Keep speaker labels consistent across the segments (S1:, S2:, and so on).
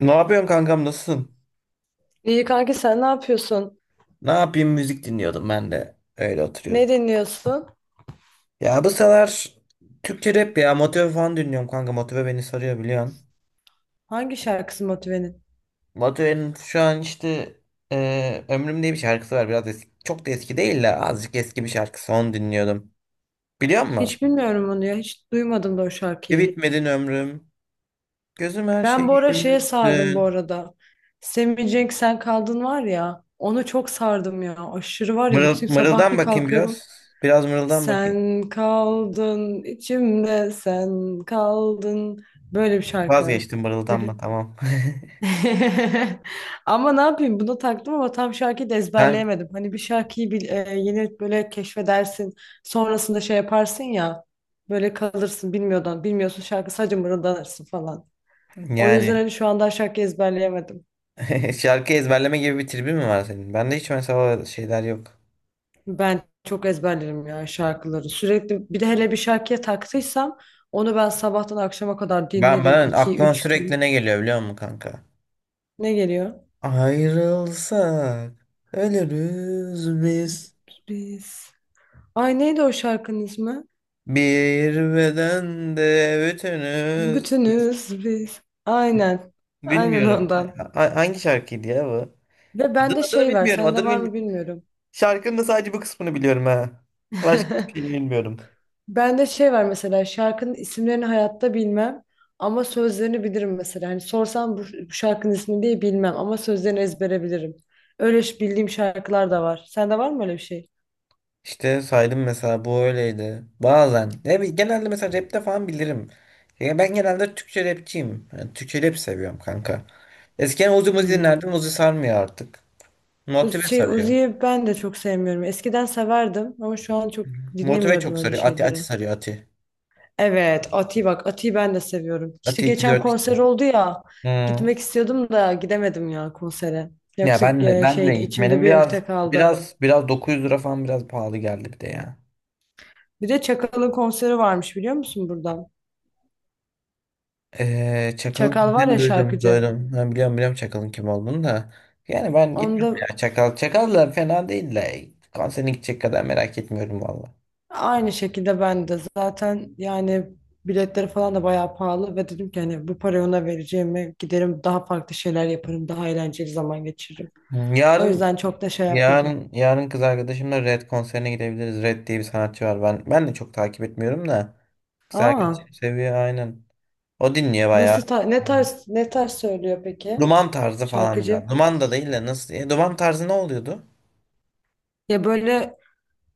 S1: Ne yapıyorsun kankam nasılsın?
S2: İyi kanki sen ne yapıyorsun?
S1: Ne yapayım müzik dinliyordum ben de. Öyle oturuyordum.
S2: Ne dinliyorsun?
S1: Ya bu sıralar Türkçe rap ya Motive falan dinliyorum kanka. Motive beni sarıyor biliyorsun.
S2: Hangi şarkısı Motive'nin?
S1: Motive'nin şu an işte Ömrüm diye bir şarkısı var. Biraz eski, çok da eski değil de azıcık eski bir şarkısı. Onu dinliyordum. Biliyor musun?
S2: Hiç bilmiyorum onu ya. Hiç duymadım da o
S1: Bir
S2: şarkıyı.
S1: bitmedin ömrüm. Gözüm her
S2: Ben
S1: şeyi
S2: bu ara şeye sardım bu
S1: görmüşsün.
S2: arada. Semih Cenk Sen Kaldın var ya. Onu çok sardım ya. Aşırı var ya bütün
S1: Mırıl,
S2: sabah
S1: mırıldan
S2: bir
S1: bakayım
S2: kalkıyorum.
S1: biraz. Biraz mırıldan bakayım.
S2: Sen kaldın içimde sen kaldın. Böyle bir şarkı.
S1: Vazgeçtim
S2: Böyle.
S1: mırıldanma tamam.
S2: Ama ne yapayım bunu taktım ama tam şarkıyı da
S1: Kanka,
S2: ezberleyemedim. Hani bir şarkıyı bil, yeni böyle keşfedersin sonrasında şey yaparsın ya böyle kalırsın bilmiyordan bilmiyorsun şarkı sadece mırıldanırsın falan. O yüzden
S1: yani.
S2: hani şu anda şarkı ezberleyemedim.
S1: Şarkı ezberleme gibi bir tribin mi var senin? Bende hiç mesela şeyler yok.
S2: Ben çok ezberlerim ya şarkıları, sürekli bir de hele bir şarkıya taktıysam onu ben sabahtan akşama kadar
S1: Ben
S2: dinlerim
S1: ben
S2: iki
S1: aklıma
S2: üç
S1: sürekli
S2: gün.
S1: ne geliyor biliyor musun kanka?
S2: Ne geliyor?
S1: Ayrılsak ölürüz biz.
S2: Biz. Ay, neydi o şarkının ismi?
S1: Bir bedende bütünüz.
S2: Bütünüz biz. Aynen. Aynen
S1: Bilmiyorum.
S2: ondan.
S1: Hangi şarkıydı ya bu?
S2: Ve
S1: Adını,
S2: bende
S1: adını
S2: şey var,
S1: bilmiyorum, adını
S2: sende var mı
S1: bilmiyorum.
S2: bilmiyorum.
S1: Şarkının da sadece bu kısmını biliyorum ha. Başka hiçbir şeyini bilmiyorum.
S2: Bende şey var mesela, şarkının isimlerini hayatta bilmem ama sözlerini bilirim mesela. Hani sorsam bu, bu şarkının ismini diye bilmem ama sözlerini ezbere bilirim. Öyle bildiğim şarkılar da var. Sende var mı öyle bir şey?
S1: İşte saydım mesela bu öyleydi. Bazen. Ya genelde mesela rapte falan bilirim. Ya ben genelde Türkçe rapçiyim. Yani Türkçe rap seviyorum kanka. Eskiden Uzi Muzi
S2: Hmm.
S1: dinlerdim. Uzi sarmıyor artık. Motive
S2: Şey,
S1: sarıyor.
S2: Uzi'yi ben de çok sevmiyorum. Eskiden severdim ama şu an çok
S1: Motive
S2: dinlemiyorum
S1: çok
S2: öyle
S1: sarıyor. Ati Ati
S2: şeyleri.
S1: sarıyor Ati.
S2: Evet, Ati bak, Ati'yi ben de seviyorum. İşte
S1: Ati iki yüz
S2: geçen
S1: kırk iki.
S2: konser oldu ya.
S1: Hmm.
S2: Gitmek istiyordum da gidemedim ya konsere.
S1: Ya
S2: Yoksa
S1: ben de ben
S2: şeydi,
S1: de
S2: içimde
S1: benim
S2: bir
S1: biraz
S2: ukde kaldı.
S1: biraz biraz 900 lira falan biraz pahalı geldi bir de ya.
S2: Bir de Çakal'ın konseri varmış, biliyor musun buradan?
S1: Çakal'ın
S2: Çakal var
S1: kimliğini
S2: ya,
S1: duydum,
S2: şarkıcı.
S1: duydum. Ben biliyorum biliyorum Çakal'ın kim olduğunu da. Yani ben gitmem
S2: Onda
S1: ya Çakal. Çakal da fena değil de konserine gidecek kadar merak etmiyorum valla.
S2: aynı şekilde ben de zaten yani biletleri falan da bayağı pahalı ve dedim ki hani bu parayı ona vereceğimi giderim daha farklı şeyler yaparım, daha eğlenceli zaman geçiririm.
S1: Hmm,
S2: O
S1: Yarın
S2: yüzden çok da şey yapmadım.
S1: yarın kız arkadaşımla Red konserine gidebiliriz. Red diye bir sanatçı var. Ben de çok takip etmiyorum da kız
S2: Aa,
S1: arkadaşım seviyor aynen. O dinliyor bayağı.
S2: nasıl ne tarz söylüyor peki?
S1: Duman tarzı falan biraz.
S2: Şarkıcı.
S1: Duman da değil de nasıl? Duman tarzı ne oluyordu?
S2: Ya böyle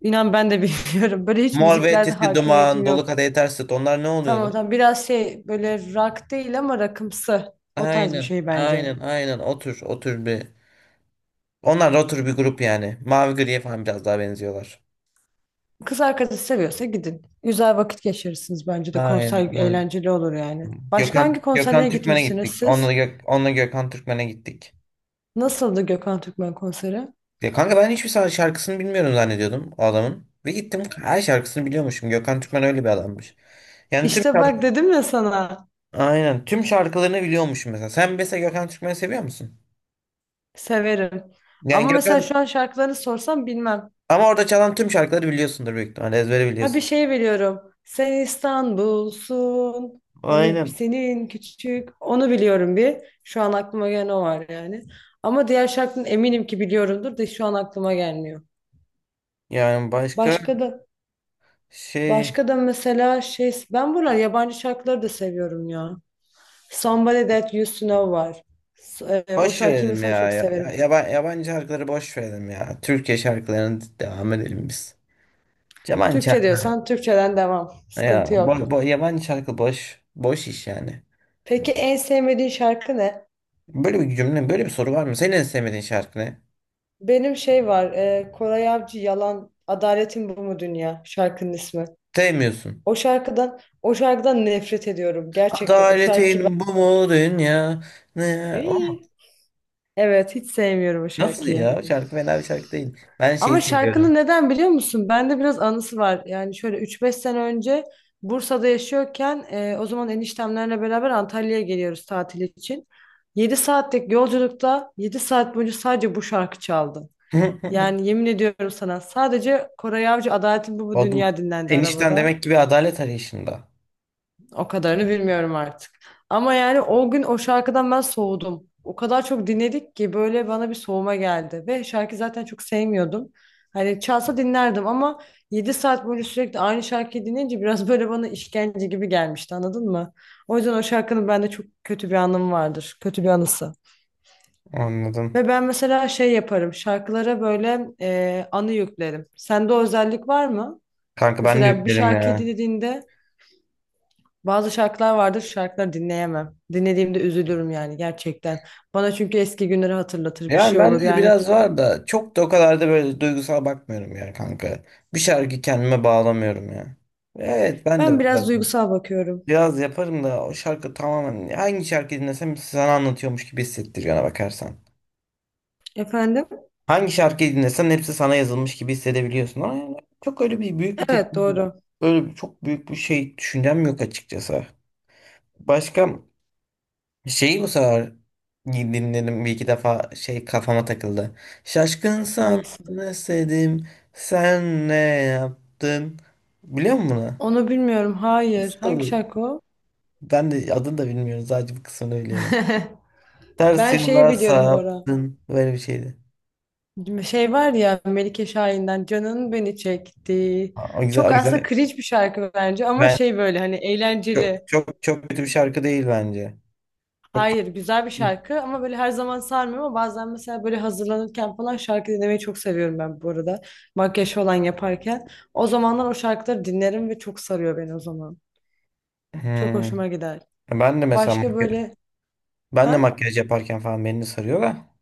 S2: inan ben de bilmiyorum. Böyle hiç
S1: Mor ve
S2: müziklerde
S1: Ötesi, Duman,
S2: hakimiyetim
S1: Dolu
S2: yok.
S1: Kadehi Ters Tut onlar ne oluyordu?
S2: Tamam tamam, biraz şey böyle, rock değil ama rockımsı. O tarz bir
S1: Aynen,
S2: şey bence.
S1: aynen, aynen. Otur, otur bir. Onlar da otur bir grup yani. Mavi griye falan biraz daha benziyorlar.
S2: Kız arkadaşı seviyorsa gidin. Güzel vakit geçirirsiniz bence de.
S1: Aynen.
S2: Konser
S1: Aynen.
S2: eğlenceli olur yani. Başka
S1: Gökhan,
S2: hangi
S1: Gökhan
S2: konserlere
S1: Türkmen'e
S2: gitmiştiniz
S1: gittik.
S2: siz?
S1: Onunla Gökhan Türkmen'e gittik.
S2: Nasıldı Gökhan Türkmen konseri?
S1: Ya kanka ben hiçbir şarkısını bilmiyorum zannediyordum o adamın. Ve gittim her şarkısını biliyormuşum. Gökhan Türkmen öyle bir adammış. Yani tüm
S2: İşte
S1: şarkı,
S2: bak, dedim ya sana.
S1: aynen tüm şarkılarını biliyormuşum mesela. Sen mesela Gökhan Türkmen'i seviyor musun?
S2: Severim.
S1: Yani
S2: Ama mesela şu an şarkılarını sorsam bilmem.
S1: Ama orada çalan tüm şarkıları biliyorsundur büyük ihtimalle ezbere
S2: Ha, bir
S1: biliyorsun.
S2: şey biliyorum. Sen İstanbul'sun. Hani
S1: Aynen.
S2: senin küçük. Onu biliyorum bir. Şu an aklıma gelen o var yani. Ama diğer şarkının eminim ki biliyorumdur da şu an aklıma gelmiyor.
S1: Yani başka
S2: Başka da
S1: şey
S2: başka da mesela şey, ben buralar yabancı şarkıları da seviyorum ya. Somebody That You Used To Know var. O
S1: Boş
S2: şarkıyı
S1: verelim
S2: mesela
S1: ya.
S2: çok
S1: Ya,
S2: severim.
S1: yabancı şarkıları boş verelim ya. Türkiye şarkılarına devam edelim biz. Yabancı
S2: Türkçe
S1: şarkı,
S2: diyorsan Türkçeden devam.
S1: ya,
S2: Sıkıntı yok.
S1: bo, bo- yabancı şarkı boş. Boş iş yani.
S2: Peki en sevmediğin şarkı ne?
S1: Böyle bir soru var mı? Senin en sevmediğin şarkı ne?
S2: Benim şey var, Koray Avcı Yalan, Adaletin Bu Mu Dünya şarkının ismi.
S1: Sevmiyorsun.
S2: O şarkıdan nefret ediyorum gerçekten. O şarkıyı ben...
S1: Adaletin bu mu dünya? Ne? O mu?
S2: Ey! Evet, hiç sevmiyorum o
S1: Nasıl
S2: şarkıyı.
S1: ya? O şarkı fena bir şarkı değil. Ben şeyi
S2: Ama şarkının
S1: seviyorum.
S2: neden biliyor musun? Bende biraz anısı var. Yani şöyle 3-5 sene önce Bursa'da yaşıyorken o zaman eniştemlerle beraber Antalya'ya geliyoruz tatil için. 7 saatlik yolculukta 7 saat boyunca sadece bu şarkı çaldı. Yani yemin ediyorum sana, sadece Koray Avcı Adaletin Bu
S1: Oğlum
S2: Dünya dinlendi
S1: enişten
S2: arabada.
S1: demek ki bir adalet arayışında.
S2: O kadarını bilmiyorum artık. Ama yani o gün o şarkıdan ben soğudum. O kadar çok dinledik ki böyle bana bir soğuma geldi. Ve şarkı zaten çok sevmiyordum. Hani çalsa dinlerdim ama 7 saat boyunca sürekli aynı şarkıyı dinleyince biraz böyle bana işkence gibi gelmişti, anladın mı? O yüzden o şarkının bende çok kötü bir anım vardır. Kötü bir anısı.
S1: Anladım.
S2: Ve ben mesela şey yaparım, şarkılara böyle anı yüklerim. Sende o özellik var mı?
S1: Kanka ben de
S2: Mesela bir
S1: yüklerim
S2: şarkıyı
S1: ya.
S2: dinlediğinde bazı şarkılar vardır, şarkıları dinleyemem. Dinlediğimde üzülürüm yani gerçekten. Bana çünkü eski günleri hatırlatır, bir
S1: Yani
S2: şey olur
S1: bende de
S2: yani.
S1: biraz var da çok da o kadar da böyle duygusal bakmıyorum ya kanka. Bir şarkı kendime bağlamıyorum ya. Evet ben
S2: Ben
S1: de
S2: biraz
S1: biraz
S2: duygusal bakıyorum.
S1: biraz yaparım da o şarkı tamamen hangi şarkı dinlesem sana anlatıyormuş gibi hissettiriyor ona bakarsan.
S2: Efendim?
S1: Hangi şarkıyı dinlesen hepsi sana yazılmış gibi hissedebiliyorsun. Ama yani çok öyle bir büyük bir
S2: Evet,
S1: tepki, yok.
S2: doğru.
S1: Öyle bir, çok büyük bir şey düşüncem yok açıkçası. Başka şeyi bu sefer dinledim bir iki defa şey kafama takıldı. Şaşkın sana
S2: Hangisi?
S1: özledim, sen ne yaptın? Biliyor musun bunu?
S2: Onu bilmiyorum. Hayır. Hangi
S1: Nasıl?
S2: şarkı o?
S1: Ben de adını da bilmiyorum sadece bu kısmını biliyorum. Ters
S2: Ben şeyi
S1: yola
S2: biliyorum Bora.
S1: saptın böyle bir şeydi.
S2: Şey var ya, Melike Şahin'den Canın Beni Çekti.
S1: Ha, o güzel o
S2: Çok aslında
S1: güzel.
S2: cringe bir şarkı bence ama
S1: Ben
S2: şey, böyle hani
S1: çok
S2: eğlenceli.
S1: çok çok kötü bir şarkı değil bence. Çok
S2: Hayır, güzel bir şarkı ama böyle her zaman sarmıyor, ama bazen mesela böyle hazırlanırken falan şarkı dinlemeyi çok seviyorum ben bu arada. Makyaj falan yaparken. O zamanlar o şarkıları dinlerim ve çok sarıyor beni o zaman. Çok
S1: Hmm.
S2: hoşuma gider.
S1: Ben de mesela
S2: Başka
S1: makyaj,
S2: böyle,
S1: ben de
S2: ha?
S1: makyaj yaparken falan beni de sarıyor da.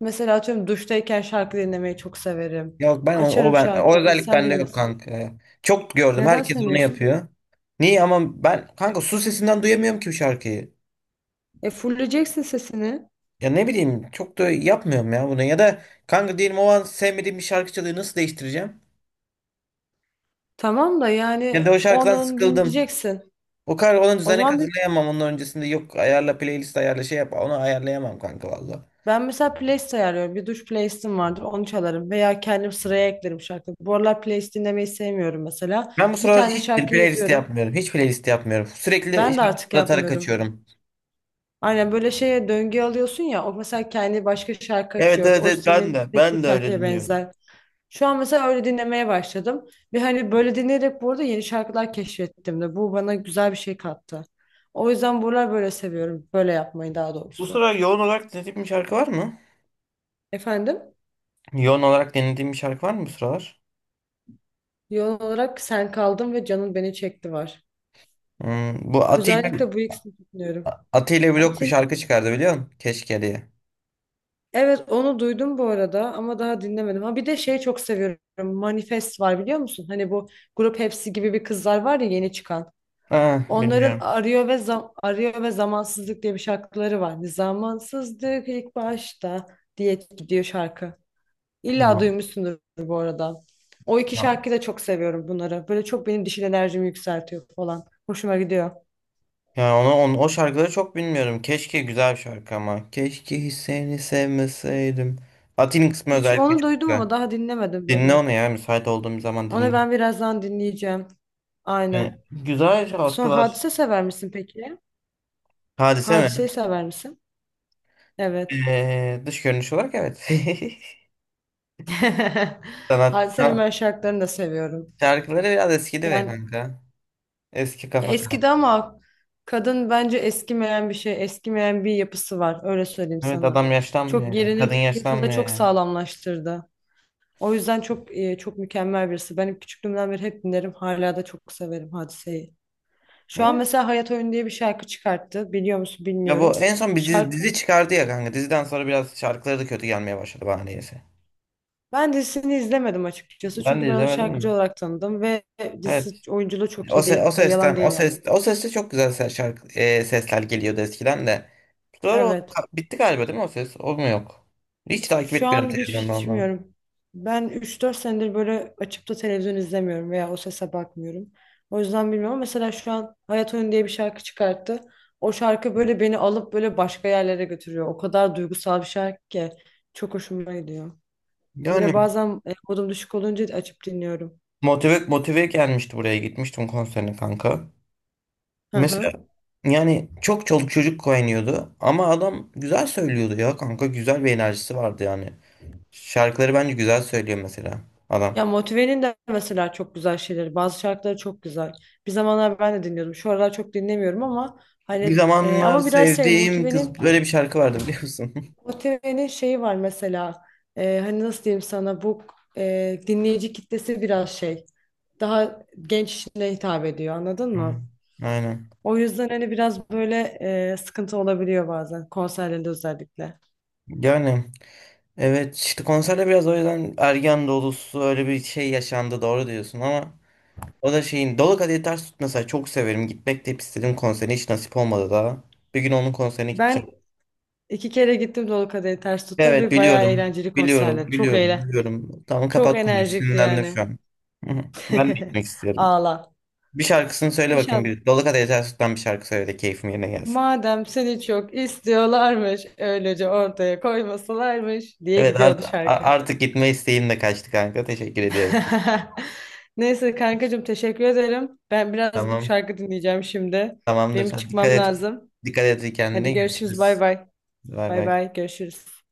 S2: Mesela atıyorum, duştayken şarkı dinlemeyi çok severim.
S1: Yok ben o, o
S2: Açarım
S1: ben o
S2: şarkıyı
S1: özellik
S2: bilsen
S1: bende yok
S2: bilmesen.
S1: kanka ya. Çok gördüm
S2: Neden
S1: herkes onu
S2: sevmiyorsun?
S1: yapıyor. Niye ama ben kanka su sesinden duyamıyorum ki bu şarkıyı.
S2: E, fulleyeceksin sesini.
S1: Ya ne bileyim çok da yapmıyorum ya bunu. Ya da kanka diyelim o an sevmediğim bir şarkı çalıyor nasıl değiştireceğim?
S2: Tamam da
S1: Ya
S2: yani
S1: da o şarkıdan
S2: onu
S1: sıkıldım.
S2: dinleyeceksin.
S1: O kadar ona
S2: O
S1: düzenek
S2: zaman
S1: hazırlayamam onun öncesinde yok ayarla playlist ayarla şey yap onu ayarlayamam kanka vallahi.
S2: ben mesela playlist ayarlıyorum. Bir duş playlistim vardır. Onu çalarım. Veya kendim sıraya eklerim şarkı. Bu aralar playlist dinlemeyi sevmiyorum mesela.
S1: Ben bu
S2: Bir
S1: sıralar
S2: tane
S1: hiç
S2: şarkı
S1: playlist
S2: yazıyorum.
S1: yapmıyorum. Hiç playlist yapmıyorum. Sürekli
S2: Ben de
S1: şarkı
S2: artık
S1: aratarak
S2: yapmıyorum.
S1: kaçıyorum.
S2: Aynen, böyle şeye döngü alıyorsun ya. O mesela kendi başka şarkı
S1: Evet
S2: açıyor.
S1: evet
S2: O
S1: evet ben
S2: senin
S1: de. Ben
S2: seçtiğin
S1: de öyle
S2: şarkıya
S1: dinliyorum.
S2: benzer. Şu an mesela öyle dinlemeye başladım. Ve hani böyle dinleyerek bu arada yeni şarkılar keşfettim de. Bu bana güzel bir şey kattı. O yüzden buralar böyle seviyorum. Böyle yapmayı, daha
S1: Bu
S2: doğrusu.
S1: sıralar yoğun olarak dinlediğim bir şarkı var mı?
S2: Efendim?
S1: Yoğun olarak dinlediğim bir şarkı var mı bu sıralar?
S2: Yoğun olarak sen kaldın ve canın beni çekti var.
S1: Hmm, bu Atilla
S2: Özellikle bu ikisini dinliyorum.
S1: Atilla Blok bir
S2: Ati'nin,
S1: şarkı çıkardı biliyor musun? Keşke diye.
S2: evet, onu duydum bu arada ama daha dinlemedim. Ha, bir de şey çok seviyorum. Manifest var, biliyor musun? Hani bu Grup Hepsi gibi bir kızlar var ya yeni çıkan.
S1: Ha,
S2: Onların
S1: bilmiyorum.
S2: Arıyor ve Zamansızlık diye bir şarkıları var. Hani Zamansızlık ilk başta diye gidiyor şarkı. İlla
S1: Bilmiyorum.
S2: duymuşsundur bu arada. O iki
S1: Ya
S2: şarkıyı da çok seviyorum bunları. Böyle çok benim dişil enerjimi yükseltiyor falan. Hoşuma gidiyor.
S1: yani o şarkıları çok bilmiyorum. Keşke güzel bir şarkı ama. Keşke hiç seni sevmeseydim. Atilla'nın kısmı
S2: Hiç
S1: özellikle
S2: onu
S1: çok
S2: duydum
S1: güzel.
S2: ama daha dinlemedim
S1: Dinle
S2: böyle.
S1: onu ya müsait olduğum zaman
S2: Onu
S1: dinle.
S2: ben birazdan dinleyeceğim.
S1: Yani
S2: Aynen.
S1: güzel
S2: Sonra,
S1: şarkılar.
S2: Hadise sever misin peki?
S1: Hadise mi?
S2: Hadise'yi sever misin? Evet.
S1: Dış görünüş olarak evet.
S2: Hadise'nin
S1: Sanatta
S2: ben şarkılarını da seviyorum.
S1: şarkıları biraz eskidi be
S2: Yani
S1: kanka. Eski
S2: ya
S1: kafa kanka.
S2: eskidi ama kadın bence eskimeyen bir şey, eskimeyen bir yapısı var. Öyle söyleyeyim
S1: Evet
S2: sana.
S1: adam
S2: Çok
S1: yaşlanmıyor yani. Kadın
S2: yerini piyasada
S1: yaşlanmıyor
S2: çok
S1: yani.
S2: sağlamlaştırdı. O yüzden çok çok mükemmel birisi. Benim küçüklüğümden beri hep dinlerim. Hala da çok severim Hadise'yi. Şu
S1: Değil
S2: an
S1: mi?
S2: mesela Hayat Oyun diye bir şarkı çıkarttı. Biliyor musun
S1: Ya
S2: bilmiyorum.
S1: bu en son bir dizi,
S2: Şarkı
S1: dizi çıkardı ya kanka. Diziden sonra biraz şarkıları da kötü gelmeye başladı bana niyeyse.
S2: Ben dizisini izlemedim açıkçası.
S1: Ben
S2: Çünkü
S1: de
S2: ben onu
S1: izlemedim de.
S2: şarkıcı olarak tanıdım ve
S1: Evet.
S2: dizisi, oyunculuğu çok
S1: O,
S2: iyi
S1: se-
S2: değil.
S1: o
S2: Da
S1: sesten,
S2: yalan değil
S1: o
S2: yani.
S1: ses, o seste çok güzel sesler geliyordu eskiden de. Sonra
S2: Evet.
S1: bitti galiba değil mi o ses? O mu yok? Hiç takip
S2: Şu
S1: etmiyorum
S2: an bir
S1: televizyonda
S2: hiç
S1: ondan.
S2: bilmiyorum. Ben 3-4 senedir böyle açıp da televizyon izlemiyorum veya o sese bakmıyorum. O yüzden bilmiyorum. Mesela şu an Hayat Oyunu diye bir şarkı çıkarttı. O şarkı böyle beni alıp böyle başka yerlere götürüyor. O kadar duygusal bir şarkı ki çok hoşuma gidiyor.
S1: Yani
S2: Böyle bazen modum düşük olunca açıp dinliyorum.
S1: Motive gelmişti buraya gitmiştim konserine kanka.
S2: Hı
S1: Mesela
S2: hı.
S1: yani çok çoluk çocuk koynuyordu ama adam güzel söylüyordu ya kanka güzel bir enerjisi vardı yani. Şarkıları bence güzel söylüyor mesela adam.
S2: Ya Motive'nin de mesela çok güzel şeyleri. Bazı şarkıları çok güzel. Bir zamanlar ben de dinliyordum. Şu aralar çok dinlemiyorum ama
S1: Bir
S2: hani
S1: zamanlar
S2: ama biraz şey,
S1: sevdiğim
S2: Motive'nin
S1: kız böyle bir şarkı vardı biliyor musun?
S2: Motive'nin şeyi var mesela. E, hani nasıl diyeyim sana, bu dinleyici kitlesi biraz şey. Daha genç kişilere hitap ediyor, anladın mı?
S1: Aynen. Aynen.
S2: O yüzden hani biraz böyle sıkıntı olabiliyor bazen konserlerde, özellikle.
S1: Yani evet işte konserde biraz o yüzden ergen dolusu öyle bir şey yaşandı doğru diyorsun ama. O da şeyin Dolu Kadehi Ters Tut mesela çok severim. Gitmek de hep istedim konserine hiç nasip olmadı daha. Bir gün onun konserine gideceğim.
S2: Ben 2 kere gittim Dolu Kadehi Ters Tut'a
S1: Evet
S2: ve bayağı
S1: biliyorum.
S2: eğlenceli konserler.
S1: Biliyorum.
S2: Çok
S1: Biliyorum.
S2: eğlenceli.
S1: Biliyorum. Tamam
S2: Çok
S1: kapat konuyu.
S2: enerjikti
S1: Sinirlendim
S2: yani.
S1: şu an. Hı hı. Ben de gitmek istiyorum.
S2: Ağla.
S1: Bir şarkısını söyle bakayım.
S2: İnşallah.
S1: Bir. Dolu Kadehi Ters Tut'tan bir şarkı söyle de keyfim yerine gelsin.
S2: Madem seni çok istiyorlarmış, öylece ortaya koymasalarmış diye
S1: Evet
S2: gidiyordu şarkı.
S1: artık gitme isteğim de kaçtı kanka. Teşekkür ediyorum.
S2: Neyse kankacığım, teşekkür ederim. Ben biraz gidip
S1: Tamam.
S2: şarkı dinleyeceğim şimdi.
S1: Tamamdır.
S2: Benim
S1: Hadi dikkat
S2: çıkmam
S1: et.
S2: lazım.
S1: Dikkat et kendine.
S2: Hadi görüşürüz, bay
S1: Görüşürüz.
S2: bay.
S1: Bay
S2: Bay
S1: bay.
S2: bay, görüşürüz.